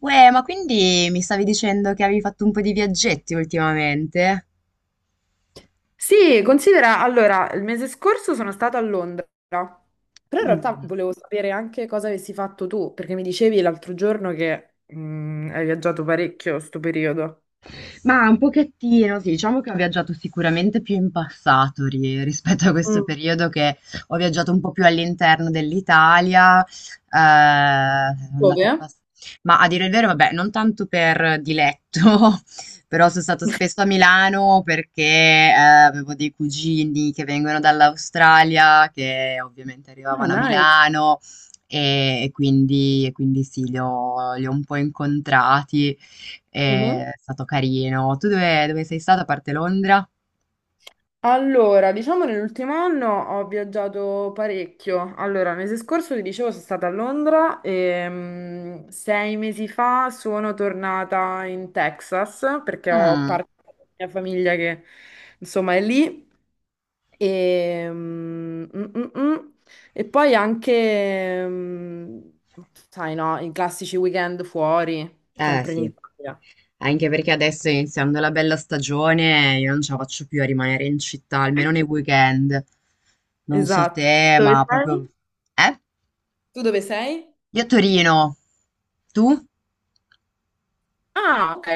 Uè, ma quindi mi stavi dicendo che avevi fatto un po' di viaggetti ultimamente? Sì, considera, allora, il mese scorso sono stata a Londra, però in realtà Mm. volevo sapere anche cosa avessi fatto tu, perché mi dicevi l'altro giorno che hai viaggiato parecchio sto periodo. Ma un pochettino, sì, diciamo che ho viaggiato sicuramente più in passato rispetto a questo Mm. periodo che ho viaggiato un po' più all'interno dell'Italia, sono andata Dove? abbast- ma a dire il vero, vabbè, non tanto per diletto, però sono stato spesso a Milano perché avevo dei cugini che vengono dall'Australia, che ovviamente Ah, arrivavano a nice. Milano e quindi sì, li ho un po' incontrati. È stato carino. Tu dove sei stato a parte Londra? Allora, diciamo nell'ultimo anno ho viaggiato parecchio. Allora, il mese scorso ti dicevo sono stata a Londra e 6 mesi fa sono tornata in Texas perché ho Mm. parte della mia famiglia che insomma è lì. E, mm, mm, mm, mm. E poi anche, sai no, i classici weekend fuori, Eh sempre in sì, Italia. anche perché adesso iniziando la bella stagione io non ce la faccio più a rimanere in città, almeno nei weekend. Non so Esatto. te, Dove ma proprio. sei? Eh? Tu dove sei? Io a Torino. Tu? Ah, ok.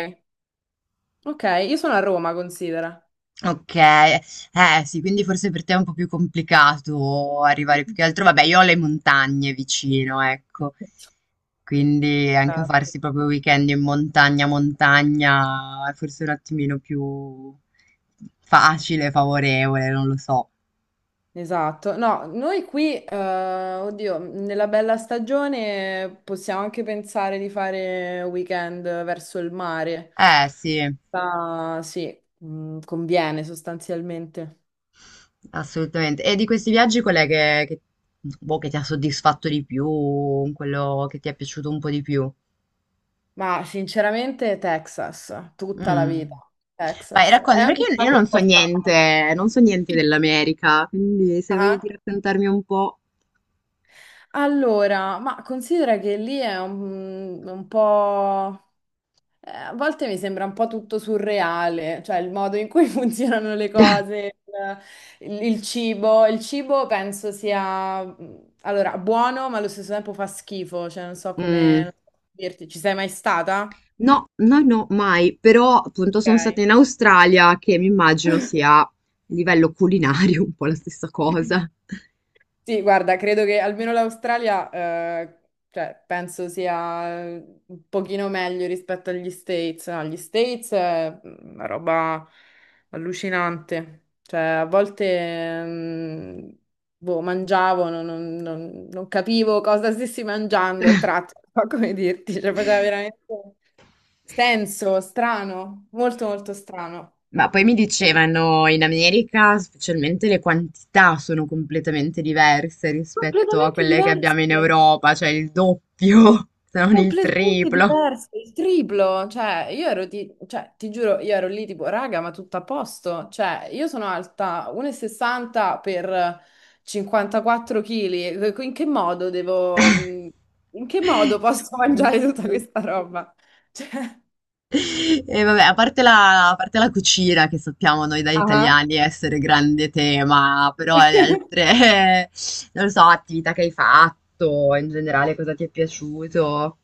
Ok, io sono a Roma, considera. Okay. Eh sì, quindi forse per te è un po' più complicato arrivare più che altro, vabbè, io ho le montagne vicino, ecco. Quindi anche Esatto. farsi proprio weekend in montagna, montagna è forse un attimino più facile, favorevole, non lo so. Esatto. No, noi qui, oddio, nella bella stagione possiamo anche pensare di fare weekend verso il mare. Eh sì, Ma sì, conviene sostanzialmente. assolutamente. E di questi viaggi qual è boh, che ti ha soddisfatto di più, quello che ti è piaciuto un po' di più? Ma sinceramente Texas, tutta la Mm. vita. Vai, Texas. È racconti, perché anche io stato un non so po' strano. niente, non so niente dell'America, quindi se voglio Ah. raccontarmi un po'. Allora, ma considera che lì è un po'. A volte mi sembra un po' tutto surreale, cioè il modo in cui funzionano le cose, il cibo. Il cibo penso sia, allora, buono, ma allo stesso tempo fa schifo, cioè non so come Mm. non so come dirti. Ci sei mai stata? No, no, no, mai, però appunto sono stata Ok. in Australia, che mi immagino sia a livello culinario un po' la stessa cosa. Sì, guarda, credo che almeno l'Australia, cioè, penso sia un pochino meglio rispetto agli States. No, gli States è una roba allucinante. Cioè, a volte, boh, mangiavo, non capivo cosa stessi mangiando a tratti, non so come dirti, cioè, faceva veramente senso, strano, molto molto strano. Ma poi mi dicevano in America, specialmente le quantità sono completamente diverse rispetto a Completamente quelle che diverse. abbiamo in Europa, cioè il doppio, se non il Completamente triplo. diverso, il triplo, cioè io ero di, cioè, ti giuro, io ero lì tipo, raga, ma tutto a posto, cioè io sono alta 1,60 per 54 kg, in che modo posso mangiare tutta Riuscì questa roba? e vabbè, a parte la cucina che sappiamo noi da Cioè, italiani essere grande tema, però le altre, non lo so, attività che hai fatto, in generale cosa ti è piaciuto.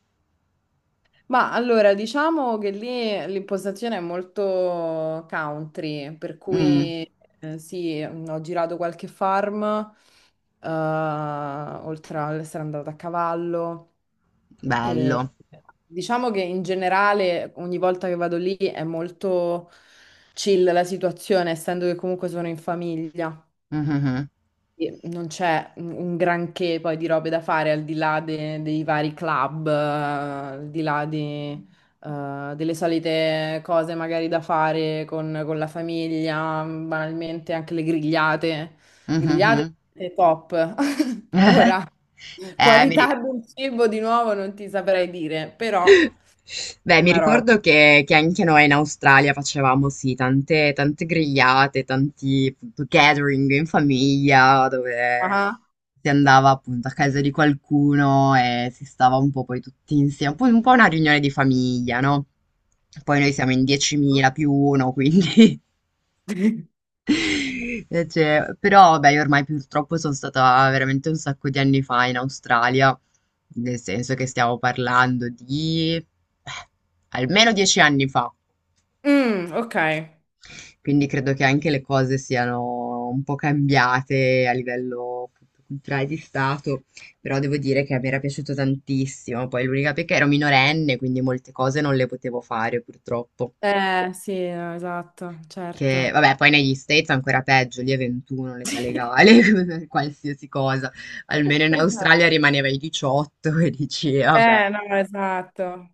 ma allora, diciamo che lì l'impostazione è molto country, per Mh, cui sì, ho girato qualche farm, oltre ad essere andata a cavallo e bello. diciamo che in generale ogni volta che vado lì è molto chill la situazione, essendo che comunque sono in famiglia. Mh-mh-mh. Sì, non c'è un granché poi di robe da fare al di là dei vari club, al di là di, delle solite cose magari da fare con la famiglia, banalmente anche le grigliate. Mh-mh-mh. Grigliate è top. Ora, mi ri qualità del cibo di nuovo non ti saprei dire, però Beh, mi una roba. ricordo che anche noi in Australia facevamo, sì, tante, tante grigliate, tanti appunto, gathering in famiglia, dove Ah. si andava appunto a casa di qualcuno e si stava un po' poi tutti insieme, un po' una riunione di famiglia, no? Poi noi siamo in 10.000 più uno, quindi cioè, però vabbè, io ormai purtroppo sono stata veramente un sacco di anni fa in Australia, nel senso che stiamo parlando di almeno 10 anni fa, Mm, ok. quindi credo che anche le cose siano un po' cambiate a livello appunto culturale di stato, però devo dire che mi era piaciuto tantissimo, poi l'unica pecca ero minorenne, quindi molte cose non le potevo fare purtroppo. Sì, no, esatto, Che certo. vabbè, poi negli States è ancora peggio, lì è 21 l'età Sì. legale, per qualsiasi cosa. Almeno in Esatto. Australia rimaneva ai 18 e dici, vabbè, No, esatto,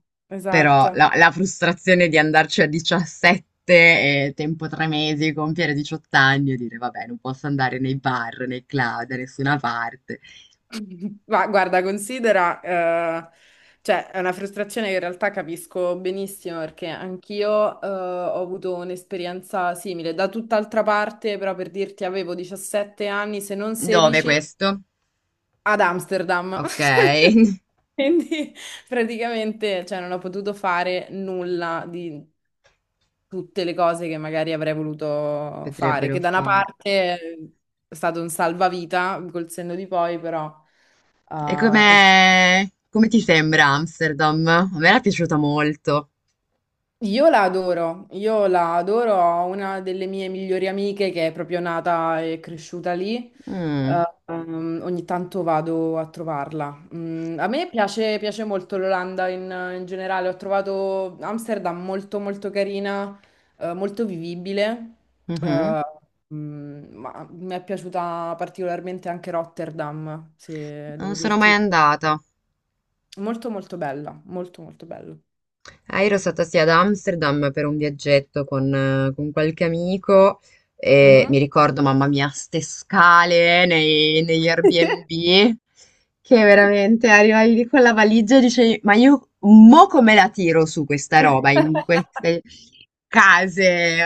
però esatto. la frustrazione di andarci a 17 e tempo 3 mesi, compiere 18 anni e dire, vabbè, non posso andare nei bar, nei club, da nessuna parte. Ma guarda, considera, cioè, è una frustrazione che in realtà capisco benissimo perché anch'io, ho avuto un'esperienza simile da tutt'altra parte, però per dirti avevo 17 anni, se non Dove 16, questo? ad Amsterdam. Ok, Quindi praticamente, cioè, non ho potuto fare nulla di tutte le cose che magari avrei voluto fare, che potrebbero da una fare. parte è stato un salvavita col senno di poi, però E eh, il- come ti sembra Amsterdam? A me era piaciuta molto. Io la adoro, ho una delle mie migliori amiche che è proprio nata e cresciuta lì, Mm, ogni tanto vado a trovarla. A me piace molto l'Olanda in generale, ho trovato Amsterdam molto molto carina, molto vivibile, mhm. eh, ma mi è piaciuta particolarmente anche Rotterdam, se devo Non sono dirti. mai andata. Molto molto bella, molto molto bella. Ah, io ero stata sì ad Amsterdam per un viaggetto con qualche amico e Mhm. mi ricordo, mamma mia, ste scale negli Airbnb che veramente arrivavi lì con la valigia e dicevi, ma io mo come la tiro su questa roba in queste case, eh,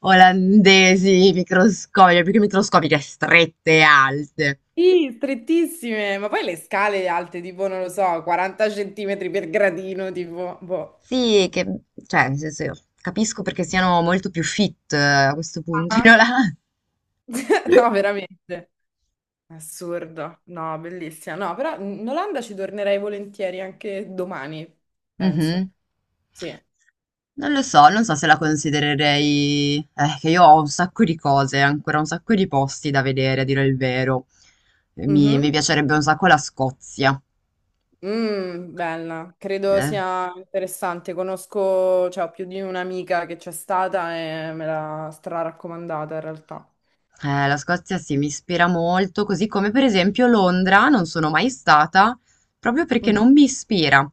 olandesi microscopiche, più che microscopiche, strette e alte. Sì, strettissime, ma poi le scale alte, tipo, non lo so, 40 centimetri per gradino, tipo, boh. Sì, che, cioè, nel senso, io capisco perché siano molto più fit, a questo punto, no? Ah. No, veramente. Assurdo. No, bellissima. No, però in Olanda ci tornerei volentieri anche domani, penso. Mhm. Sì. Non lo so, non so se la considererei, che io ho un sacco di cose, ancora un sacco di posti da vedere, a dire il vero. Mi Mhm. piacerebbe un sacco la Scozia. Bella. Credo Eh. sia interessante. Conosco, cioè, ho più di un'amica che c'è stata e me l'ha stra-raccomandata in realtà. La Scozia sì, mi ispira molto, così come per esempio Londra, non sono mai stata, proprio perché Mhm. non mi ispira.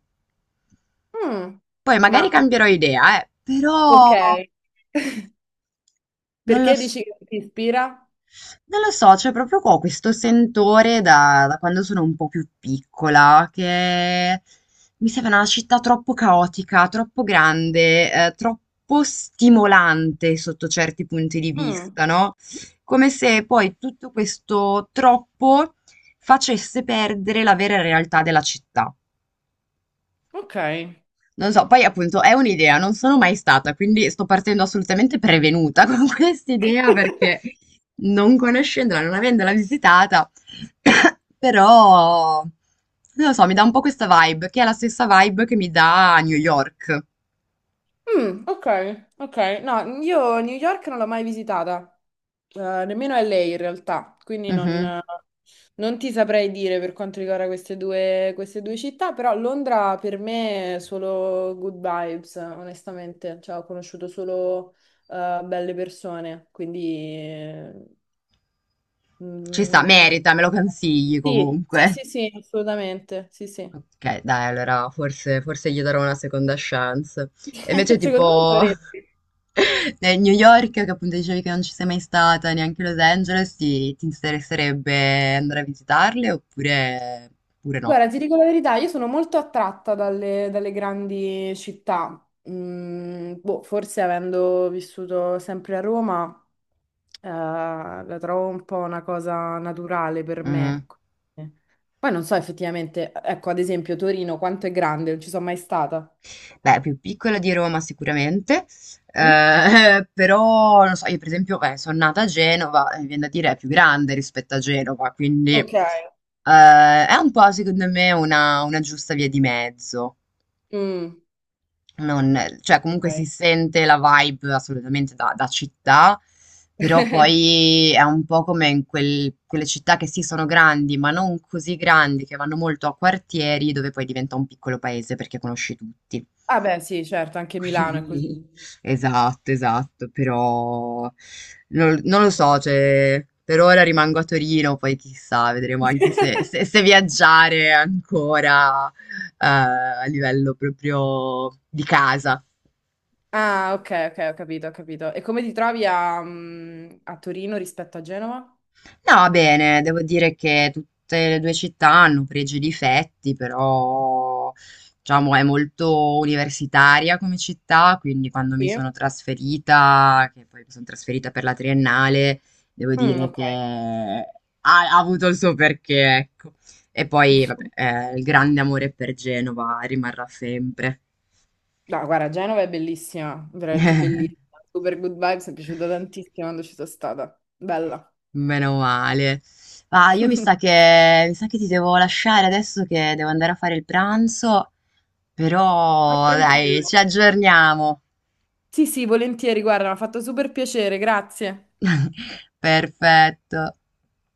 Mm. Poi magari Ma, cambierò idea, ok. però non lo Perché so. dici che ti ispira? Non lo so, cioè proprio qua ho questo sentore da quando sono un po' più piccola, che mi sembra una città troppo caotica, troppo grande, troppo stimolante sotto certi punti di Mm. vista, no? Come se poi tutto questo troppo facesse perdere la vera realtà della città. Ok. Non so, poi appunto è un'idea, non sono mai stata, quindi sto partendo assolutamente prevenuta con quest'idea perché non conoscendola, non avendola visitata, però non lo so, mi dà un po' questa vibe, che è la stessa vibe che mi dà New York. Mm. Ok, ok. No, io New York non l'ho mai visitata. Eh, nemmeno LA in realtà, quindi non, Mhm. non ti saprei dire per quanto riguarda queste due città, però Londra per me è solo good vibes, onestamente, cioè ho conosciuto solo belle persone, quindiCi mm, sta, non- merita, me lo consigli Sì, sì, comunque. sì, sì, assolutamente, sì, sì. Ok, dai, allora forse gli darò una seconda chance. E invece Secondo me tipo dovresti. nel New York, che appunto dicevi che non ci sei mai stata, neanche Los Angeles, ti interesserebbe andare a visitarle oppure no? Guarda, ti dico la verità, io sono molto attratta dalle grandi città. Mm, boh, forse avendo vissuto sempre a Roma, la trovo un po' una cosa naturale per me, Mm. ecco. Poi non so effettivamente, ecco, ad esempio Torino, quanto è grande, non ci sono mai stata. Beh, più piccola di Roma sicuramente, Mm? Però non so, io per esempio, beh, sono nata a Genova, e mi viene da dire è più grande rispetto a Genova, quindi Ok. è un po' secondo me una giusta via di mezzo. Mm. Non, cioè, comunque si Ok. sente la vibe assolutamente da città, però poi è un po' come in quelle città che sì sono grandi, ma non così grandi, che vanno molto a quartieri, dove poi diventa un piccolo paese perché conosci tutti. Ah beh, sì, certo, anche Milano è così. Quindi. Esatto, esatto, però non lo so, cioè, per ora rimango a Torino, poi chissà, vedremo anche se viaggiare ancora, a livello proprio di casa. Ah, ok, ok, ho capito, ho capito. E come ti trovi a Torino rispetto a Genova? No, bene, devo dire che tutte le due città hanno pregi e difetti, però diciamo è molto universitaria come città, quindi quando mi Sì. sono trasferita, che poi mi sono trasferita per la triennale, devo Mm, dire ok. che ha avuto il suo perché, ecco. E poi, vabbè, il grande amore per Genova rimarrà sempre. No, guarda, Genova è bellissima, veramente bellissima. Super good vibes, mi è piaciuta tantissimo quando ci sono stata. Bella. Meno male. Ah, io mi sa che ti devo lasciare adesso che devo andare a fare il pranzo, Vai però dai, tranquillo. ci aggiorniamo. Sì, sì, volentieri, guarda, mi ha fatto super piacere, grazie. Perfetto.